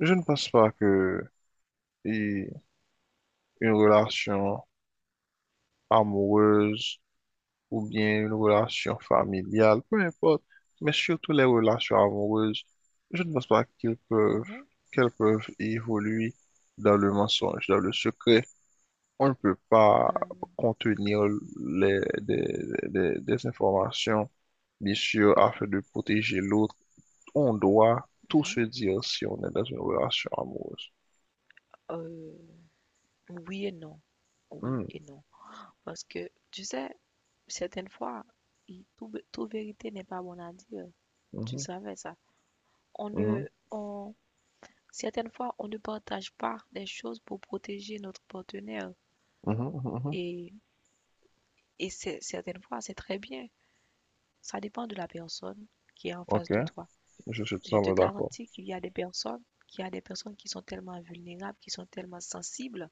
Je ne pense pas que et une relation amoureuse ou bien une relation familiale, peu importe, mais surtout les relations amoureuses, je ne pense pas Mhm. qu'elles peuvent évoluer dans le mensonge, dans le secret. On ne peut pas heu, contenir les, des, des informations, bien sûr, afin de protéger l'autre. On doit tout mmh mh. se dire si on est dans une relation amoureuse. Oui et non. Oui Hmm, et non. Parce que, tu sais, certaines fois, i tout b vérité n'est pas bonne à dire. Tu mhm, savais ça? On mhm, ne on Certaines fois, on ne partage pas des choses pour protéger notre partenaire, mhm, mhm, mhm. et et c'est certaines fois, c'est très bien. Ça dépend de la personne qui est en Ok, face de toi. je suis tout Je à te fait d'accord. garantis qu'il y a des personnes qu'il y a des personnes qui sont tellement vulnérables, qui sont tellement sensibles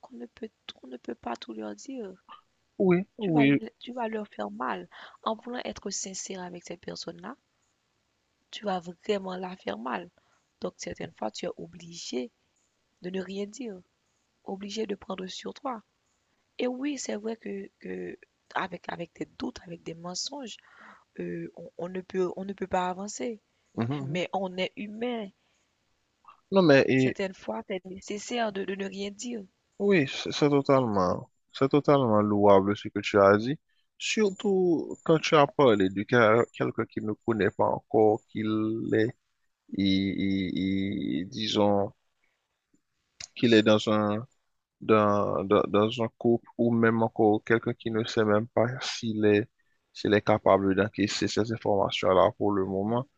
qu'on ne peut pas tout leur dire. Oui, tu vas, oui. tu vas leur faire mal. En voulant être sincère avec cette personne-là, tu vas vraiment la faire mal. Donc, certaines fois, tu es obligé de ne rien dire, obligé de prendre sur toi. Et oui, c'est vrai que avec des doutes, avec des mensonges, on ne peut pas avancer. Mhm, mhm. Mais on est humain. Non, Certaines fois, c'est nécessaire de ne rien dire. oui, c'est totalement louable ce que tu as dit. Surtout quand tu as parlé de quelqu'un qui ne connaît pas encore qu'il est, disons, qu'il est dans un couple ou même encore quelqu'un qui Mhm. ne sait même pas s'il est, capable d'encaisser ces informations-là pour le moment. Mhm.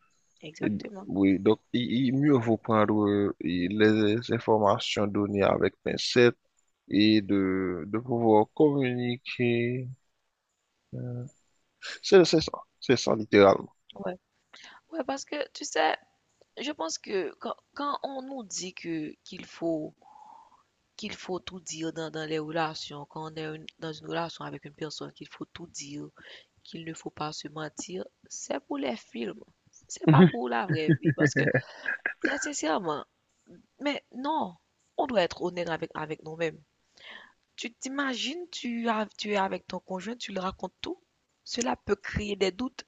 Et- Exactement. oui, donc il, mieux vaut prendre les informations données avec pincette et de pouvoir communiquer. euh, c'est ça, c'est ça littéralement. Ouais. Ouais, parce que tu sais, je pense que quand on nous dit que qu'il faut tout dire dans les relations, quand on est dans une relation avec une personne, qu'il faut tout dire, qu'il ne faut pas se mentir, c'est pour les films. C'est pas Mhm. pour la vraie vie. Parce que, très sincèrement, mais non, on doit être honnête avec nous-mêmes. Tu t'imagines, tu es avec ton conjoint, tu lui racontes tout. Cela peut créer des doutes.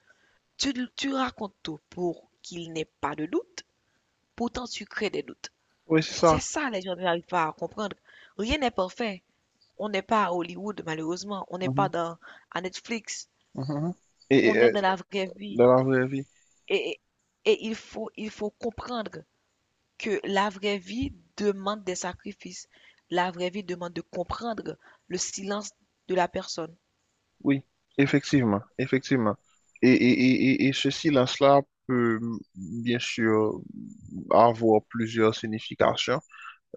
Tu racontes tout pour qu'il n'ait pas de doute. Pourtant, tu crées des doutes. Oui, c'est C'est ça. ça, les gens n'arrivent pas à comprendre. Rien n'est parfait. On n'est pas à Hollywood, malheureusement. On n'est Mhm, pas à Netflix. mhm. Et On est dans la vraie vie. dans la vraie vie, Et, et il faut comprendre que la vraie vie demande des sacrifices. La vraie vie demande de comprendre le silence de la personne. oui, effectivement, effectivement. Et et ce silence-là peut bien sûr avoir plusieurs significations.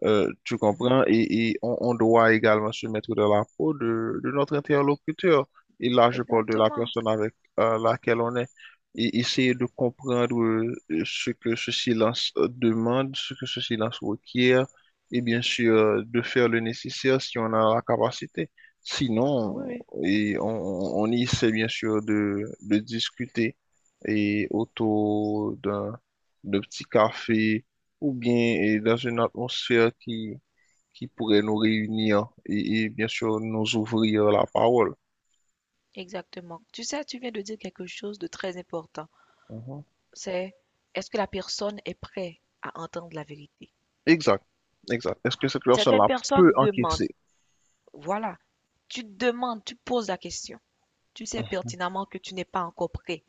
Tu Mhm. comprends? Et on, doit également se mettre dans la peau de notre interlocuteur. Et là, je parle de la Exactement. personne avec laquelle on est. Et essayer de comprendre ce que ce silence demande, ce que ce silence requiert, et bien sûr, de faire le nécessaire si on a la capacité. Oui, Sinon, oui, et on, on essaie bien sûr de discuter autour d'un petit café ou bien dans une atmosphère qui pourrait nous réunir et bien sûr nous ouvrir la parole. exactement. Tu sais, tu viens de dire quelque chose de très important. Mhm. C'est Est-ce que la personne est prête à entendre la vérité? Exact, exact. Est-ce que cette Certaines personne-là peut personnes demandent, encaisser? voilà, tu demandes, tu poses la question. Tu sais Mhm. pertinemment que tu n'es pas encore prêt.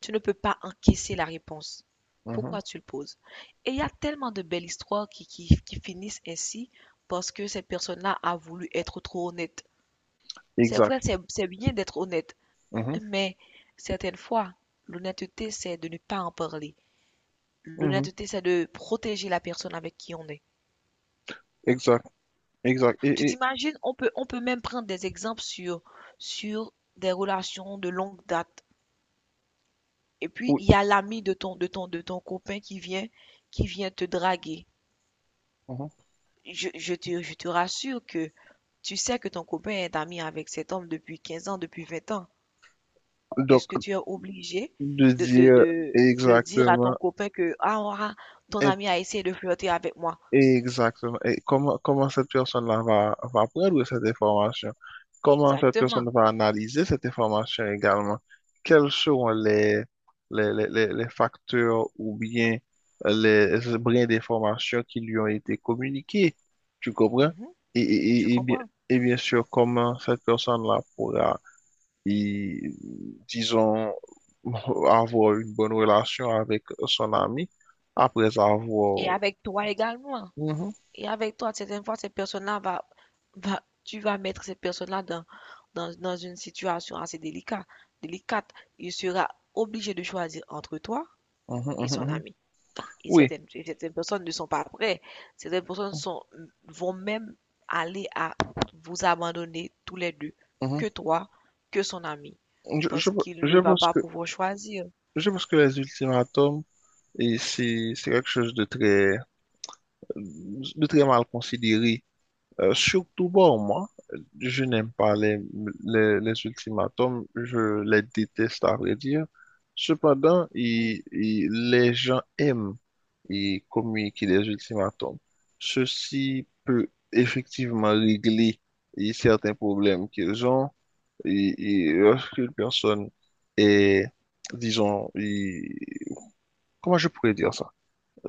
Tu ne peux pas encaisser la réponse. Mhm. Pourquoi tu le poses? Et il y a tellement de belles histoires qui finissent ainsi parce que cette personne-là a voulu être trop honnête. C'est Exact. vrai, c'est bien d'être honnête, Mhm. mais certaines fois, l'honnêteté, c'est de ne pas en parler. Mhm. L'honnêteté, c'est de protéger la personne avec qui on est. Exact, exact. Tu Et t'imagines, on peut même prendre des exemples sur des relations de longue date. Et puis, oui. il y a l'ami de ton copain qui vient te draguer. Mhm. Je te rassure que tu sais que ton copain est ami avec cet homme depuis 15 ans, depuis 20 ans. Est-ce Donc, que tu es obligé de de, de, dire de, de dire à ton exactement. copain que, ah, ah, ton ami a essayé de flirter avec moi? Exactement. Et comment cette personne-là va prendre cette information? Comment cette Exactement. personne va analyser cette information également? Quels seront les, les facteurs ou bien les brins d'information qui lui ont été communiqués? Tu comprends? Mhm. Et, Je et, et, et bien, comprends. et bien sûr, comment cette personne-là pourra, y- disons, avoir une bonne relation avec son ami après Et avoir... avec toi également. Mhm. Et avec toi, certaines fois, ces personnes-là tu vas mettre ces personnes-là dans une situation assez délicate, délicate. Il sera obligé de choisir entre toi Mhm, et mhm, son mhm. ami. Et Oui, certaines, et certaines personnes ne sont pas prêtes. Certaines personnes vont même aller à vous abandonner tous les deux, mhm. que toi, que son ami, Je, je, parce qu'il je ne va pense pas que, pouvoir choisir. je pense que les ultimatums, c'est quelque chose de très, mal considéré. Surtout pour moi, je n'aime pas les ultimatums, je les déteste à vrai dire. Cependant, Hmm, les gens aiment communiquer les ultimatums. Ceci peut effectivement régler certains problèmes qu'ils ont. Et lorsqu'une personne est, disons, comment je pourrais dire ça?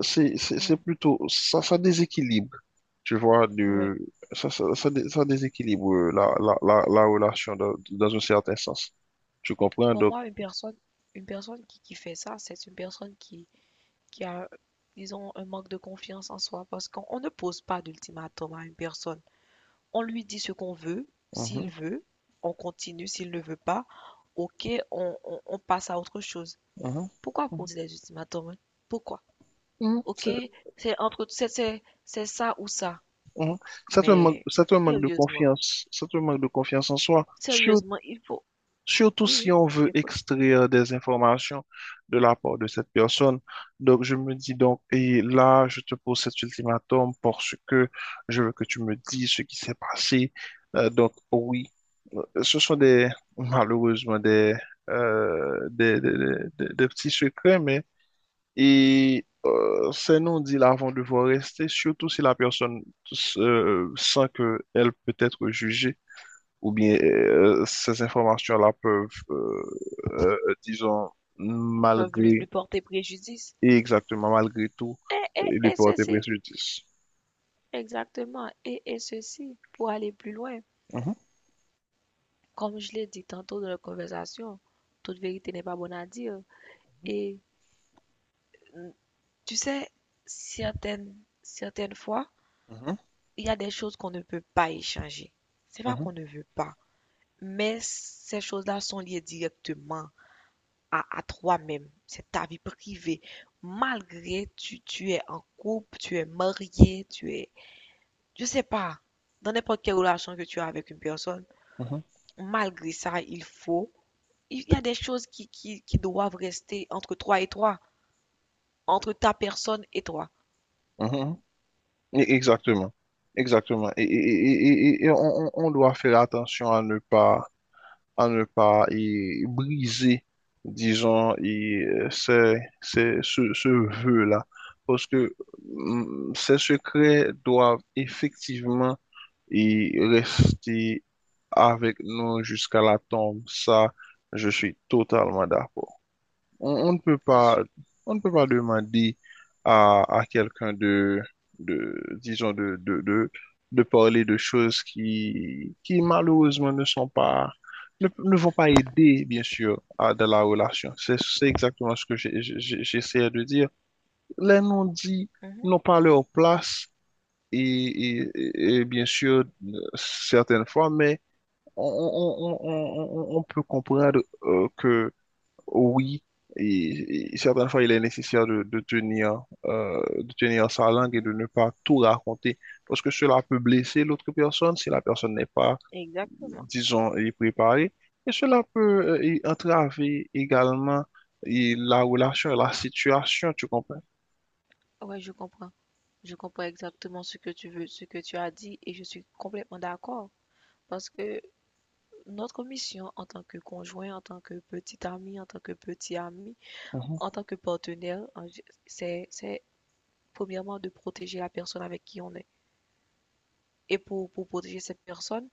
C'est hmm, plutôt, ça déséquilibre, tu vois, ouais. de, ça, dé- ça déséquilibre la relation dans un certain sens. Tu comprends? Pour Donc, moi, une personne qui fait ça, c'est une personne qui a, disons, un manque de confiance en soi, parce qu'on on ne pose pas d'ultimatum à une personne. On lui dit ce qu'on veut, s'il mhm, veut, on continue, s'il ne veut pas, ok, on passe à autre chose. mhm, Pourquoi mhm, poser des ultimatums? Hein? Pourquoi? mhm, Ok, c'est, c'est entre, c'est ça ou ça. mhm. Mais C'est un manque de sérieusement, confiance, c'est un manque de confiance en soi. sérieusement, il faut, Surtout oui, si oui, on je veut t'écoute, extraire des informations de la part de cette personne. Donc, je me dis donc, et là, je te pose cet ultimatum parce que je veux que tu me dises ce qui s'est passé. Donc, oui, ce sont des, malheureusement, des, euh, des, des, des- des petits secrets, mais, et ces non-dits là vont devoir rester, surtout si la personne sent qu'elle peut être jugée ou bien ces informations-là peuvent, euh, disons, peuvent lui, malgré, lui porter préjudice. et exactement malgré tout, lui Et porter ceci, préjudice. exactement, et ceci, pour aller plus loin. Mhm, Comme je l'ai dit tantôt dans la conversation, toute vérité n'est pas bonne à dire. Et mm, tu sais, certaines, certaines fois, mhm, il y a des choses qu'on ne peut pas échanger. C'est pas mhm, qu'on ne veut pas, mais ces choses-là sont liées directement à toi-même. C'est ta vie privée. Malgré tu es en couple, tu es marié, tu es, je sais pas, dans n'importe quelle relation que tu as avec une personne, mhm, malgré ça, il faut. Il y a des choses qui doivent rester entre toi et toi, entre ta personne et toi. mhm. Exactement, exactement. Et on on- doit faire attention à ne pas briser, disons, ce vœu-là. Parce que ces secrets doivent effectivement rester avec nous jusqu'à la tombe. Ça, je suis totalement d'accord. On ne peut Je pas, suis. on ne peut pas demander à quelqu'un de, disons, de parler de choses qui malheureusement ne sont pas, ne vont pas aider, bien sûr, à de la relation. C'est exactement ce que j'essayais de dire. Les non-dits Mhm, n'ont pas leur place et bien sûr certaines fois, mais on peut comprendre que oui, et certaines fois il est nécessaire de tenir sa langue et mhm. de ne pas tout raconter, parce que cela peut blesser l'autre personne si la personne n'est pas Exactement. disons, y préparer. Et cela peut y entraver également y la relation, la situation, tu comprends? Ouais, je comprends. Je comprends exactement ce que tu veux, ce que tu as dit, et je suis complètement d'accord. Parce que notre mission en tant que conjoint, en tant que petit ami, en tant que petit ami, Mhm, en tant que partenaire, c'est premièrement de protéger la personne avec qui on est. Et pour protéger cette personne,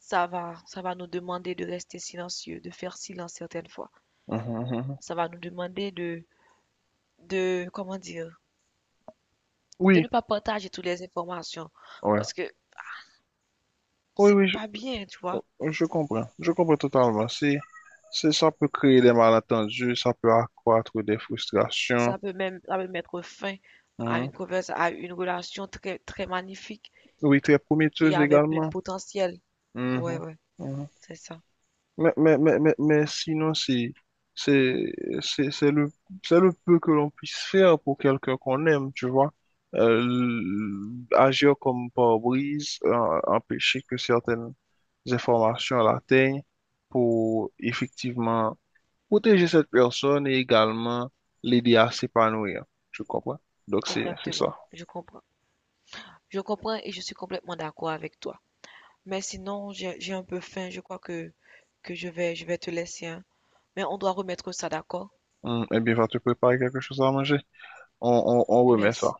ça va nous demander de rester silencieux, de faire silence certaines fois. mhm, mhm. Mhm. Ça va nous demander comment dire, de Oui, ne pas partager toutes les informations ouais. parce que Oui, c'est oui, pas bien, tu vois. oh, je comprends. Je comprends totalement. Ça peut créer des malentendus, ça peut accroître des Ça frustrations. peut même, ça peut mettre fin à Mhm. une conversation, à une relation très, très magnifique Oui, très qui prometteuse avait plein de également. potentiel. Ouais, Mhm, ouais, mhm. c'est ça. Mais sinon, c'est, c'est, c'est le, c'est le peu que l'on puisse faire pour quelqu'un qu'on aime, tu vois. Agir comme pare-brise, empêcher que certaines informations l'atteignent pour effectivement protéger cette personne et également l'aider à s'épanouir. Tu comprends? Donc, c'est Exactement. ça. Je comprends. Je comprends et je suis complètement d'accord avec toi. Mais sinon, j'ai un peu faim. Je crois que je vais te laisser, hein. Mais on doit remettre ça d'accord. Eh bien, va te préparer quelque chose à manger. On remet Merci. ça.